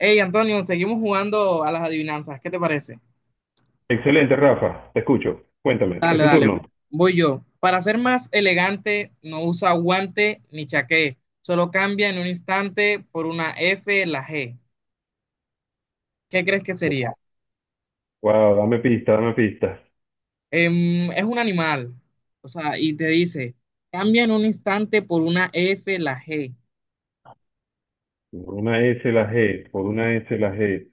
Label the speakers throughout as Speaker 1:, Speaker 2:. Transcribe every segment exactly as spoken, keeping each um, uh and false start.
Speaker 1: Hey, Antonio, seguimos jugando a las adivinanzas. ¿Qué te parece?
Speaker 2: Excelente, Rafa, te escucho. Cuéntame, ¿es
Speaker 1: Dale,
Speaker 2: tu
Speaker 1: dale,
Speaker 2: turno?
Speaker 1: voy yo. Para ser más elegante, no usa guante ni chaqué. Solo cambia en un instante por una F la G. ¿Qué crees que sería?
Speaker 2: Wow, dame pista, dame pista.
Speaker 1: Em, es un animal. O sea, y te dice, cambia en un instante por una F la G.
Speaker 2: Por una S la G, por una S la G.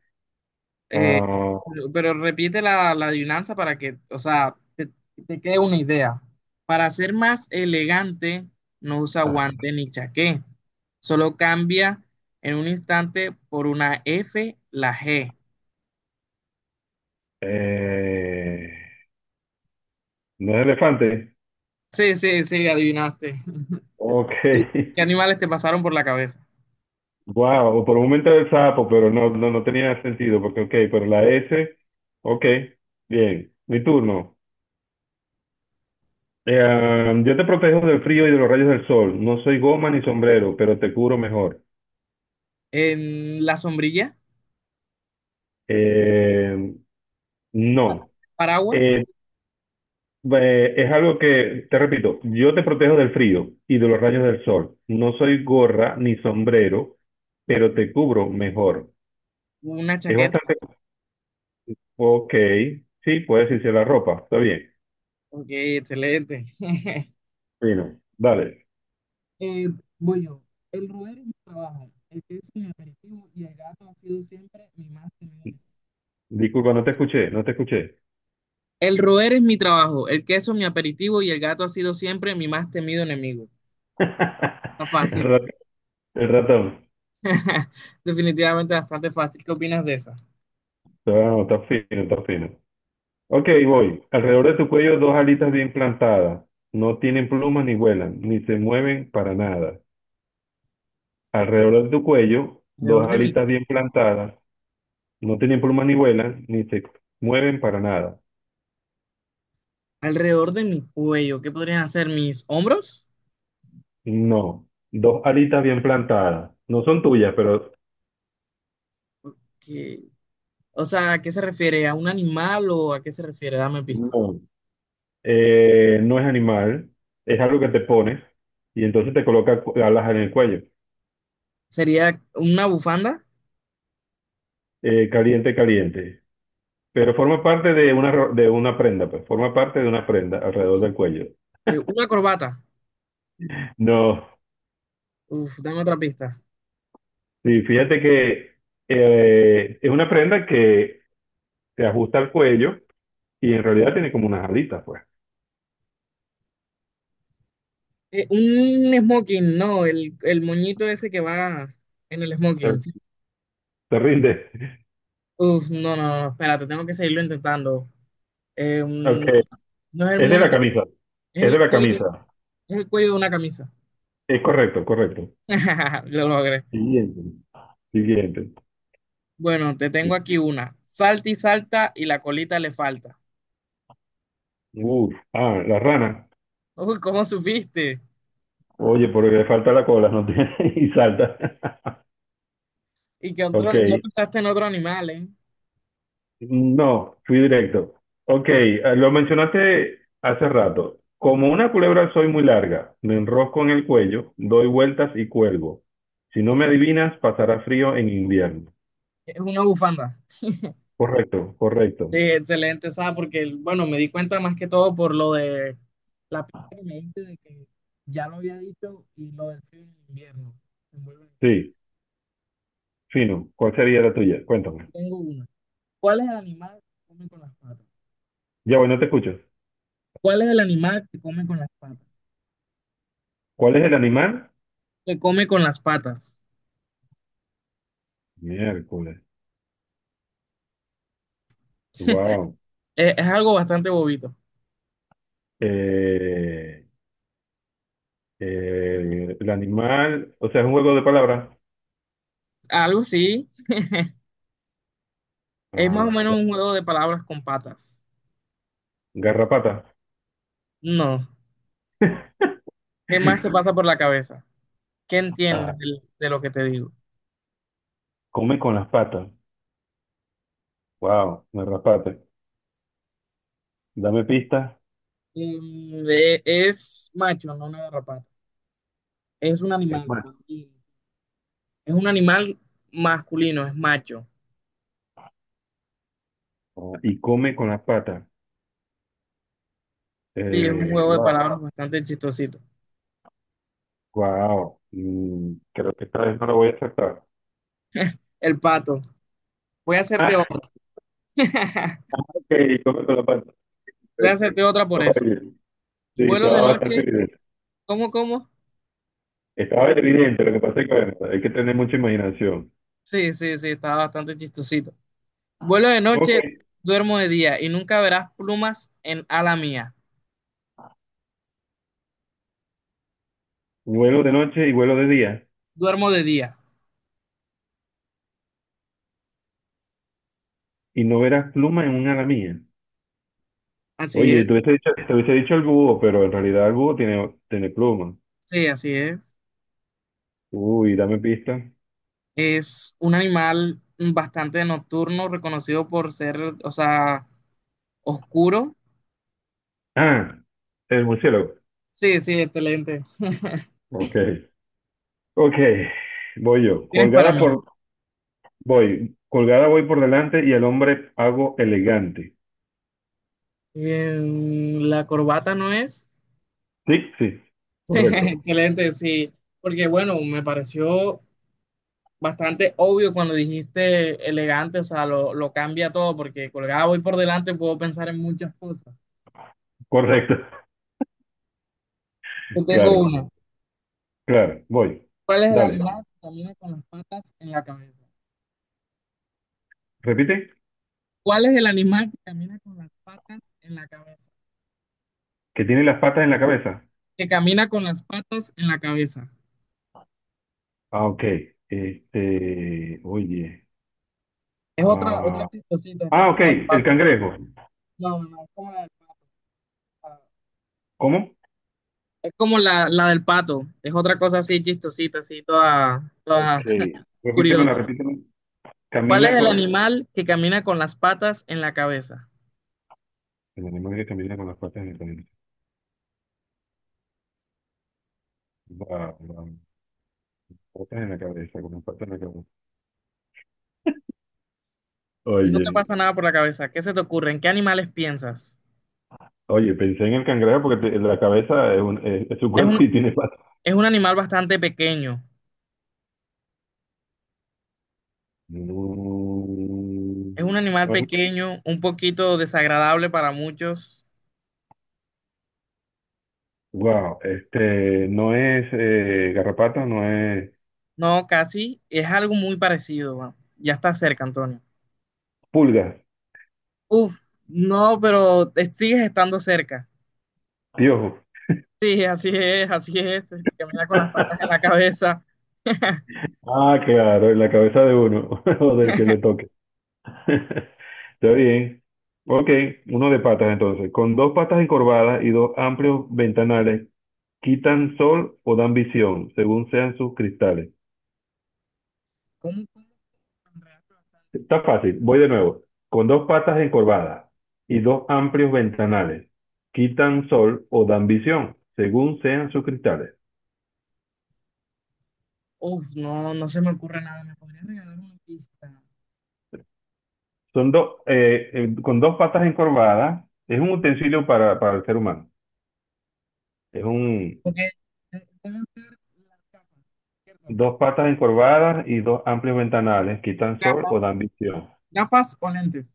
Speaker 1: Eh,
Speaker 2: Ah,
Speaker 1: pero, pero repite la, la adivinanza para que, o sea, te, te quede una idea. Para ser más elegante, no usa
Speaker 2: ah,
Speaker 1: guante ni chaqué. Solo cambia en un instante por una F la G.
Speaker 2: eh, ¿no es elefante?
Speaker 1: Sí, sí, sí, adivinaste.
Speaker 2: Ok.
Speaker 1: ¿Y ¿Qué animales te pasaron por la cabeza?
Speaker 2: Wow, por un momento era el sapo, pero no, no, no tenía sentido, porque ok, pero la S, ok, bien, mi turno. Eh, yo te protejo del frío y de los rayos del sol. No soy goma ni sombrero, pero te curo mejor.
Speaker 1: En la sombrilla,
Speaker 2: Eh, no.
Speaker 1: paraguas,
Speaker 2: Eh, Eh, es algo que, te repito, yo te protejo del frío y de los rayos del sol. No soy gorra ni sombrero, pero te cubro mejor.
Speaker 1: una
Speaker 2: Es
Speaker 1: chaqueta.
Speaker 2: bastante... Ok, sí, puedes irse la ropa, está bien.
Speaker 1: Ok, excelente.
Speaker 2: Bueno, dale.
Speaker 1: Eh, voy yo. El roer es mi trabajo, el queso mi aperitivo y el gato ha sido siempre mi más temido enemigo.
Speaker 2: Disculpa, no te escuché, no te escuché.
Speaker 1: El roer es mi trabajo, el queso mi aperitivo y el gato ha sido siempre mi más temido enemigo. Está
Speaker 2: El
Speaker 1: fácil.
Speaker 2: rat- el ratón.
Speaker 1: Definitivamente bastante fácil. ¿Qué opinas de esa?
Speaker 2: Ah, está fino, está fino. Ok, voy. Alrededor de tu cuello dos alitas bien plantadas. No tienen plumas ni vuelan, ni se mueven para nada. Alrededor de tu cuello,
Speaker 1: Alrededor
Speaker 2: dos
Speaker 1: de mi,
Speaker 2: alitas bien plantadas. No tienen plumas ni vuelan, ni se mueven para nada.
Speaker 1: alrededor de mi cuello, ¿qué podrían hacer mis hombros?
Speaker 2: No, dos alitas bien plantadas. No son tuyas, pero
Speaker 1: ¿Qué- o sea, ¿a qué se refiere? ¿A un animal o a qué se refiere? Dame pista.
Speaker 2: no. Eh, no es animal, es algo que te pones y entonces te coloca cu- alas en el cuello.
Speaker 1: ¿Sería una bufanda?
Speaker 2: Eh, caliente, caliente. Pero forma parte de una, ro- de una prenda, pues forma parte de una prenda alrededor del cuello.
Speaker 1: Eh, ¿una corbata?
Speaker 2: No,
Speaker 1: Uf, dame otra pista.
Speaker 2: sí, fíjate que eh, es una prenda que se ajusta al cuello. Y en realidad tiene como unas alitas, pues.
Speaker 1: Eh, un smoking, no, el, el moñito ese que va en el
Speaker 2: Te,
Speaker 1: smoking. Sí.
Speaker 2: te rinde.
Speaker 1: Uf, no, no, no, espérate, tengo que seguirlo intentando. Eh,
Speaker 2: Ok.
Speaker 1: mm, no es el
Speaker 2: Es de
Speaker 1: moño,
Speaker 2: la camisa.
Speaker 1: es
Speaker 2: Es de
Speaker 1: el
Speaker 2: la
Speaker 1: cuello,
Speaker 2: camisa.
Speaker 1: es el cuello de una camisa.
Speaker 2: Es correcto, correcto.
Speaker 1: Lo logré.
Speaker 2: Siguiente. Siguiente.
Speaker 1: Bueno, te tengo aquí una. Salta y salta y la colita le falta.
Speaker 2: Uf. Ah, la rana.
Speaker 1: Uy, ¿cómo supiste?
Speaker 2: Oye, porque le falta la cola, ¿no tiene? Y salta.
Speaker 1: Y que otro,
Speaker 2: Ok.
Speaker 1: no pensaste en otro animal, ¿eh?
Speaker 2: No, fui directo. Ok, eh, lo mencionaste hace rato. Como una culebra soy muy larga, me enrosco en el cuello, doy vueltas y cuelgo. Si no me adivinas, pasará frío en invierno.
Speaker 1: Es una bufanda.
Speaker 2: Correcto, correcto.
Speaker 1: Sí, excelente, ¿sabes? Porque, bueno, me di cuenta más que todo por lo de la pista que me diste de que ya lo había dicho y lo del frío en el invierno. Me vuelve-
Speaker 2: Sí. Fino, ¿cuál sería la tuya? Cuéntame.
Speaker 1: Tengo una. ¿Cuál es el animal que come con las patas?
Speaker 2: Ya, bueno, te escucho.
Speaker 1: ¿Cuál es el animal que come con las patas?
Speaker 2: ¿Cuál es el animal?
Speaker 1: Que come con las patas.
Speaker 2: Miércoles. Wow.
Speaker 1: Eh, Es, algo bastante bobito.
Speaker 2: Eh, eh, el animal, o sea, es un juego de palabras.
Speaker 1: Algo sí, es
Speaker 2: Ah,
Speaker 1: más o menos un juego de palabras con patas.
Speaker 2: garrapata.
Speaker 1: No. ¿Qué más te pasa por la cabeza? ¿Qué entiendes
Speaker 2: Ah,
Speaker 1: de, de lo que te digo?
Speaker 2: come con las patas. Wow, garrapata. Dame pistas.
Speaker 1: Mm, eh, es macho, no una garrapata. Es un
Speaker 2: Es
Speaker 1: animal.
Speaker 2: más.
Speaker 1: Es un animal masculino, es macho.
Speaker 2: Ah, y come con las patas.
Speaker 1: Sí, es un
Speaker 2: Eh,
Speaker 1: juego de
Speaker 2: wow,
Speaker 1: palabras bastante chistosito.
Speaker 2: wow. Mm, creo que esta vez no lo voy a aceptar.
Speaker 1: El pato. Voy a hacerte
Speaker 2: Ah,
Speaker 1: otra.
Speaker 2: ok, come con las patas.
Speaker 1: Voy a
Speaker 2: Ok.
Speaker 1: hacerte otra por eso.
Speaker 2: Oye, sí,
Speaker 1: Vuelo
Speaker 2: estaba
Speaker 1: de
Speaker 2: bastante
Speaker 1: noche.
Speaker 2: bien.
Speaker 1: ¿Cómo, cómo?
Speaker 2: Estaba evidente, lo que pasa es que bueno, hay que tener mucha imaginación.
Speaker 1: Sí, sí, sí, está bastante chistosito. Vuelo de
Speaker 2: Ok,
Speaker 1: noche, duermo de día y nunca verás plumas en ala mía.
Speaker 2: vuelo de noche y vuelo de día,
Speaker 1: Duermo de día.
Speaker 2: y no verás pluma en un ala mía.
Speaker 1: Así
Speaker 2: Oye, te
Speaker 1: es.
Speaker 2: hubiese dicho, te hubiese dicho el búho, pero en realidad el búho tiene, tiene pluma.
Speaker 1: Sí, así es.
Speaker 2: Uy, dame pista.
Speaker 1: Es un animal bastante nocturno, reconocido por ser, o sea, oscuro.
Speaker 2: Ah, el murciélago.
Speaker 1: Sí, sí, excelente.
Speaker 2: Ok, ok, voy yo.
Speaker 1: Tienes para
Speaker 2: Colgada
Speaker 1: mí.
Speaker 2: por, voy, colgada voy por delante y el hombre hago elegante.
Speaker 1: Em, la corbata no es.
Speaker 2: Sí, sí, correcto,
Speaker 1: Excelente, sí. Porque bueno, me pareció bastante obvio cuando dijiste elegante, o sea, lo, lo cambia todo, porque colgado voy por delante puedo pensar en muchas cosas.
Speaker 2: correcto.
Speaker 1: Yo tengo
Speaker 2: Claro,
Speaker 1: una.
Speaker 2: claro, voy.
Speaker 1: ¿Cuál es el
Speaker 2: Dale,
Speaker 1: animal que camina con las patas en la cabeza?
Speaker 2: repite.
Speaker 1: ¿Cuál es el animal que camina con las patas en la cabeza?
Speaker 2: Que tiene las patas en la cabeza.
Speaker 1: Que camina con las patas en la cabeza.
Speaker 2: Ah, ok. Este, oye.
Speaker 1: Es otra, otra
Speaker 2: Ah,
Speaker 1: chistosita, es
Speaker 2: Ah,
Speaker 1: como
Speaker 2: ok,
Speaker 1: la del
Speaker 2: el
Speaker 1: pato.
Speaker 2: cangrejo.
Speaker 1: No, no, no, es como la del pato.
Speaker 2: ¿Cómo?
Speaker 1: Es como la, la del pato, es otra cosa así chistosita, así toda,
Speaker 2: Ok.
Speaker 1: toda
Speaker 2: Repítemela,
Speaker 1: curiosa.
Speaker 2: repítemela.
Speaker 1: ¿Cuál es
Speaker 2: Camina
Speaker 1: el
Speaker 2: con...
Speaker 1: animal que camina con las patas en la cabeza?
Speaker 2: El animal que camina con las patas en la cabeza. La- la- patas en la cabeza, con las patas en la cabeza.
Speaker 1: No te
Speaker 2: Oye,
Speaker 1: pasa nada por la cabeza. ¿Qué se te ocurre? ¿En qué animales piensas?
Speaker 2: oye, pensé en el cangrejo porque te- la cabeza es, un- es- es su
Speaker 1: Es
Speaker 2: cuerpo y
Speaker 1: un,
Speaker 2: tiene patas.
Speaker 1: es un animal bastante pequeño.
Speaker 2: Mm,
Speaker 1: Es un animal
Speaker 2: bueno,
Speaker 1: pequeño, un poquito desagradable para muchos.
Speaker 2: wow, este, no es eh, garrapata, no es
Speaker 1: No, casi. Es algo muy parecido. Bueno, ya está cerca, Antonio.
Speaker 2: pulga
Speaker 1: Uf, no, pero te sigues estando cerca.
Speaker 2: piojo.
Speaker 1: Sí, así es, así es, el que camina con las patas en la cabeza.
Speaker 2: Ah, claro, en la cabeza de uno o del que le toque. Está bien. Ok, uno de patas entonces. Con dos patas encorvadas y dos amplios ventanales, quitan sol o dan visión, según sean sus cristales.
Speaker 1: ¿Cómo, cómo? ¿Andrea?
Speaker 2: Está fácil, voy de nuevo. Con dos patas encorvadas y dos amplios ventanales, quitan sol o dan visión, según sean sus cristales.
Speaker 1: Uf, no, no se me ocurre nada. ¿Me podrías regalar una pista?
Speaker 2: Son dos, eh, eh, con dos patas encorvadas, es un utensilio para, para el ser humano. Es un
Speaker 1: Porque de- deben ser las gafas, ¿cierto?
Speaker 2: dos patas encorvadas y dos amplios ventanales, quitan sol o
Speaker 1: Gafas,
Speaker 2: dan visión.
Speaker 1: gafas o lentes.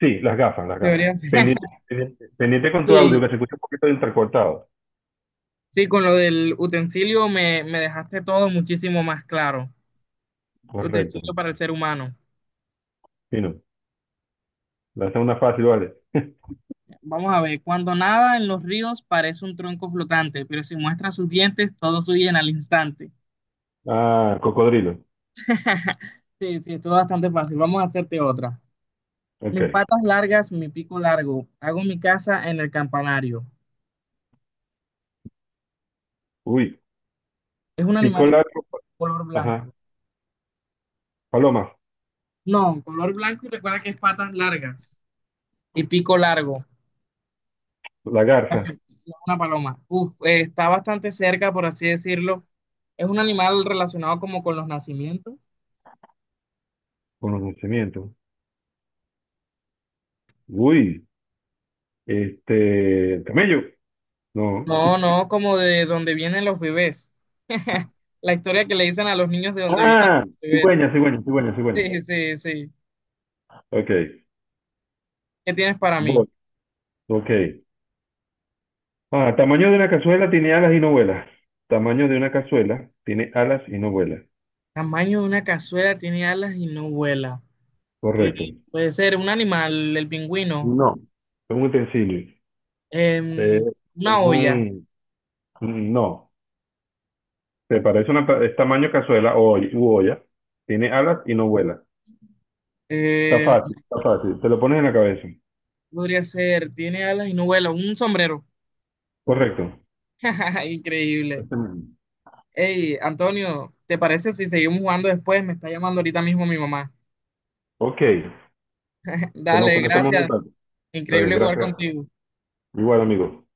Speaker 2: Sí, las gafas, las gafas.
Speaker 1: Deberían ser.
Speaker 2: Pendiente, pendiente, pendiente con tu audio, que
Speaker 1: Sí,
Speaker 2: se escucha un poquito de entrecortado.
Speaker 1: sí, con lo del utensilio me, me dejaste todo muchísimo más claro.
Speaker 2: Correcto.
Speaker 1: Utensilio para el ser humano.
Speaker 2: Fino. Lanza una fácil, vale.
Speaker 1: Vamos a ver, cuando nada en los ríos parece un tronco flotante, pero si muestra sus dientes, todos huyen al instante.
Speaker 2: Ah, cocodrilo.
Speaker 1: Sí, sí, esto es bastante fácil. Vamos a hacerte otra. Mis
Speaker 2: Ok.
Speaker 1: patas largas, mi pico largo. Hago mi casa en el campanario.
Speaker 2: Uy.
Speaker 1: Es un animal
Speaker 2: Pico
Speaker 1: de
Speaker 2: largo.
Speaker 1: color blanco.
Speaker 2: Ajá. Paloma.
Speaker 1: No, color blanco y recuerda que es patas largas y pico largo. No,
Speaker 2: La garza.
Speaker 1: es una paloma. Uf, eh, está bastante cerca, por así decirlo. Es un animal relacionado como con los nacimientos.
Speaker 2: Conocimiento. Uy. Este. Camello. No.
Speaker 1: No, no, como de donde vienen los bebés. La historia que le dicen a los niños de donde vienen
Speaker 2: Ah,
Speaker 1: los bebés.
Speaker 2: cigüeña, cigüeña, cigüeña, cigüeña.
Speaker 1: Sí, sí, sí.
Speaker 2: Ok.
Speaker 1: ¿Qué tienes para mí?
Speaker 2: Voy. Ok. Ah, tamaño de una cazuela tiene alas y no vuela. Tamaño de una cazuela tiene alas y no vuela.
Speaker 1: Tamaño de una cazuela, tiene alas y no vuela. ¿Qué
Speaker 2: Correcto.
Speaker 1: puede ser? Un animal, el pingüino.
Speaker 2: No. Es un utensilio.
Speaker 1: Em,
Speaker 2: Eh, es
Speaker 1: una olla.
Speaker 2: un... No. Se parece una... pa- Es tamaño cazuela o oll- u olla. Tiene alas y no vuela. Está
Speaker 1: Em,
Speaker 2: fácil, está fácil. Te lo pones en la cabeza.
Speaker 1: podría ser, tiene alas y no vuela. Un sombrero.
Speaker 2: Correcto.
Speaker 1: Increíble.
Speaker 2: Este mismo.
Speaker 1: Hey, Antonio, ¿te parece si seguimos jugando después? Me está llamando ahorita mismo mi mamá.
Speaker 2: Ok. Pues nos
Speaker 1: Dale,
Speaker 2: conectamos un
Speaker 1: gracias.
Speaker 2: rato. Está bien,
Speaker 1: Increíble jugar
Speaker 2: gracias.
Speaker 1: contigo.
Speaker 2: Igual, amigo.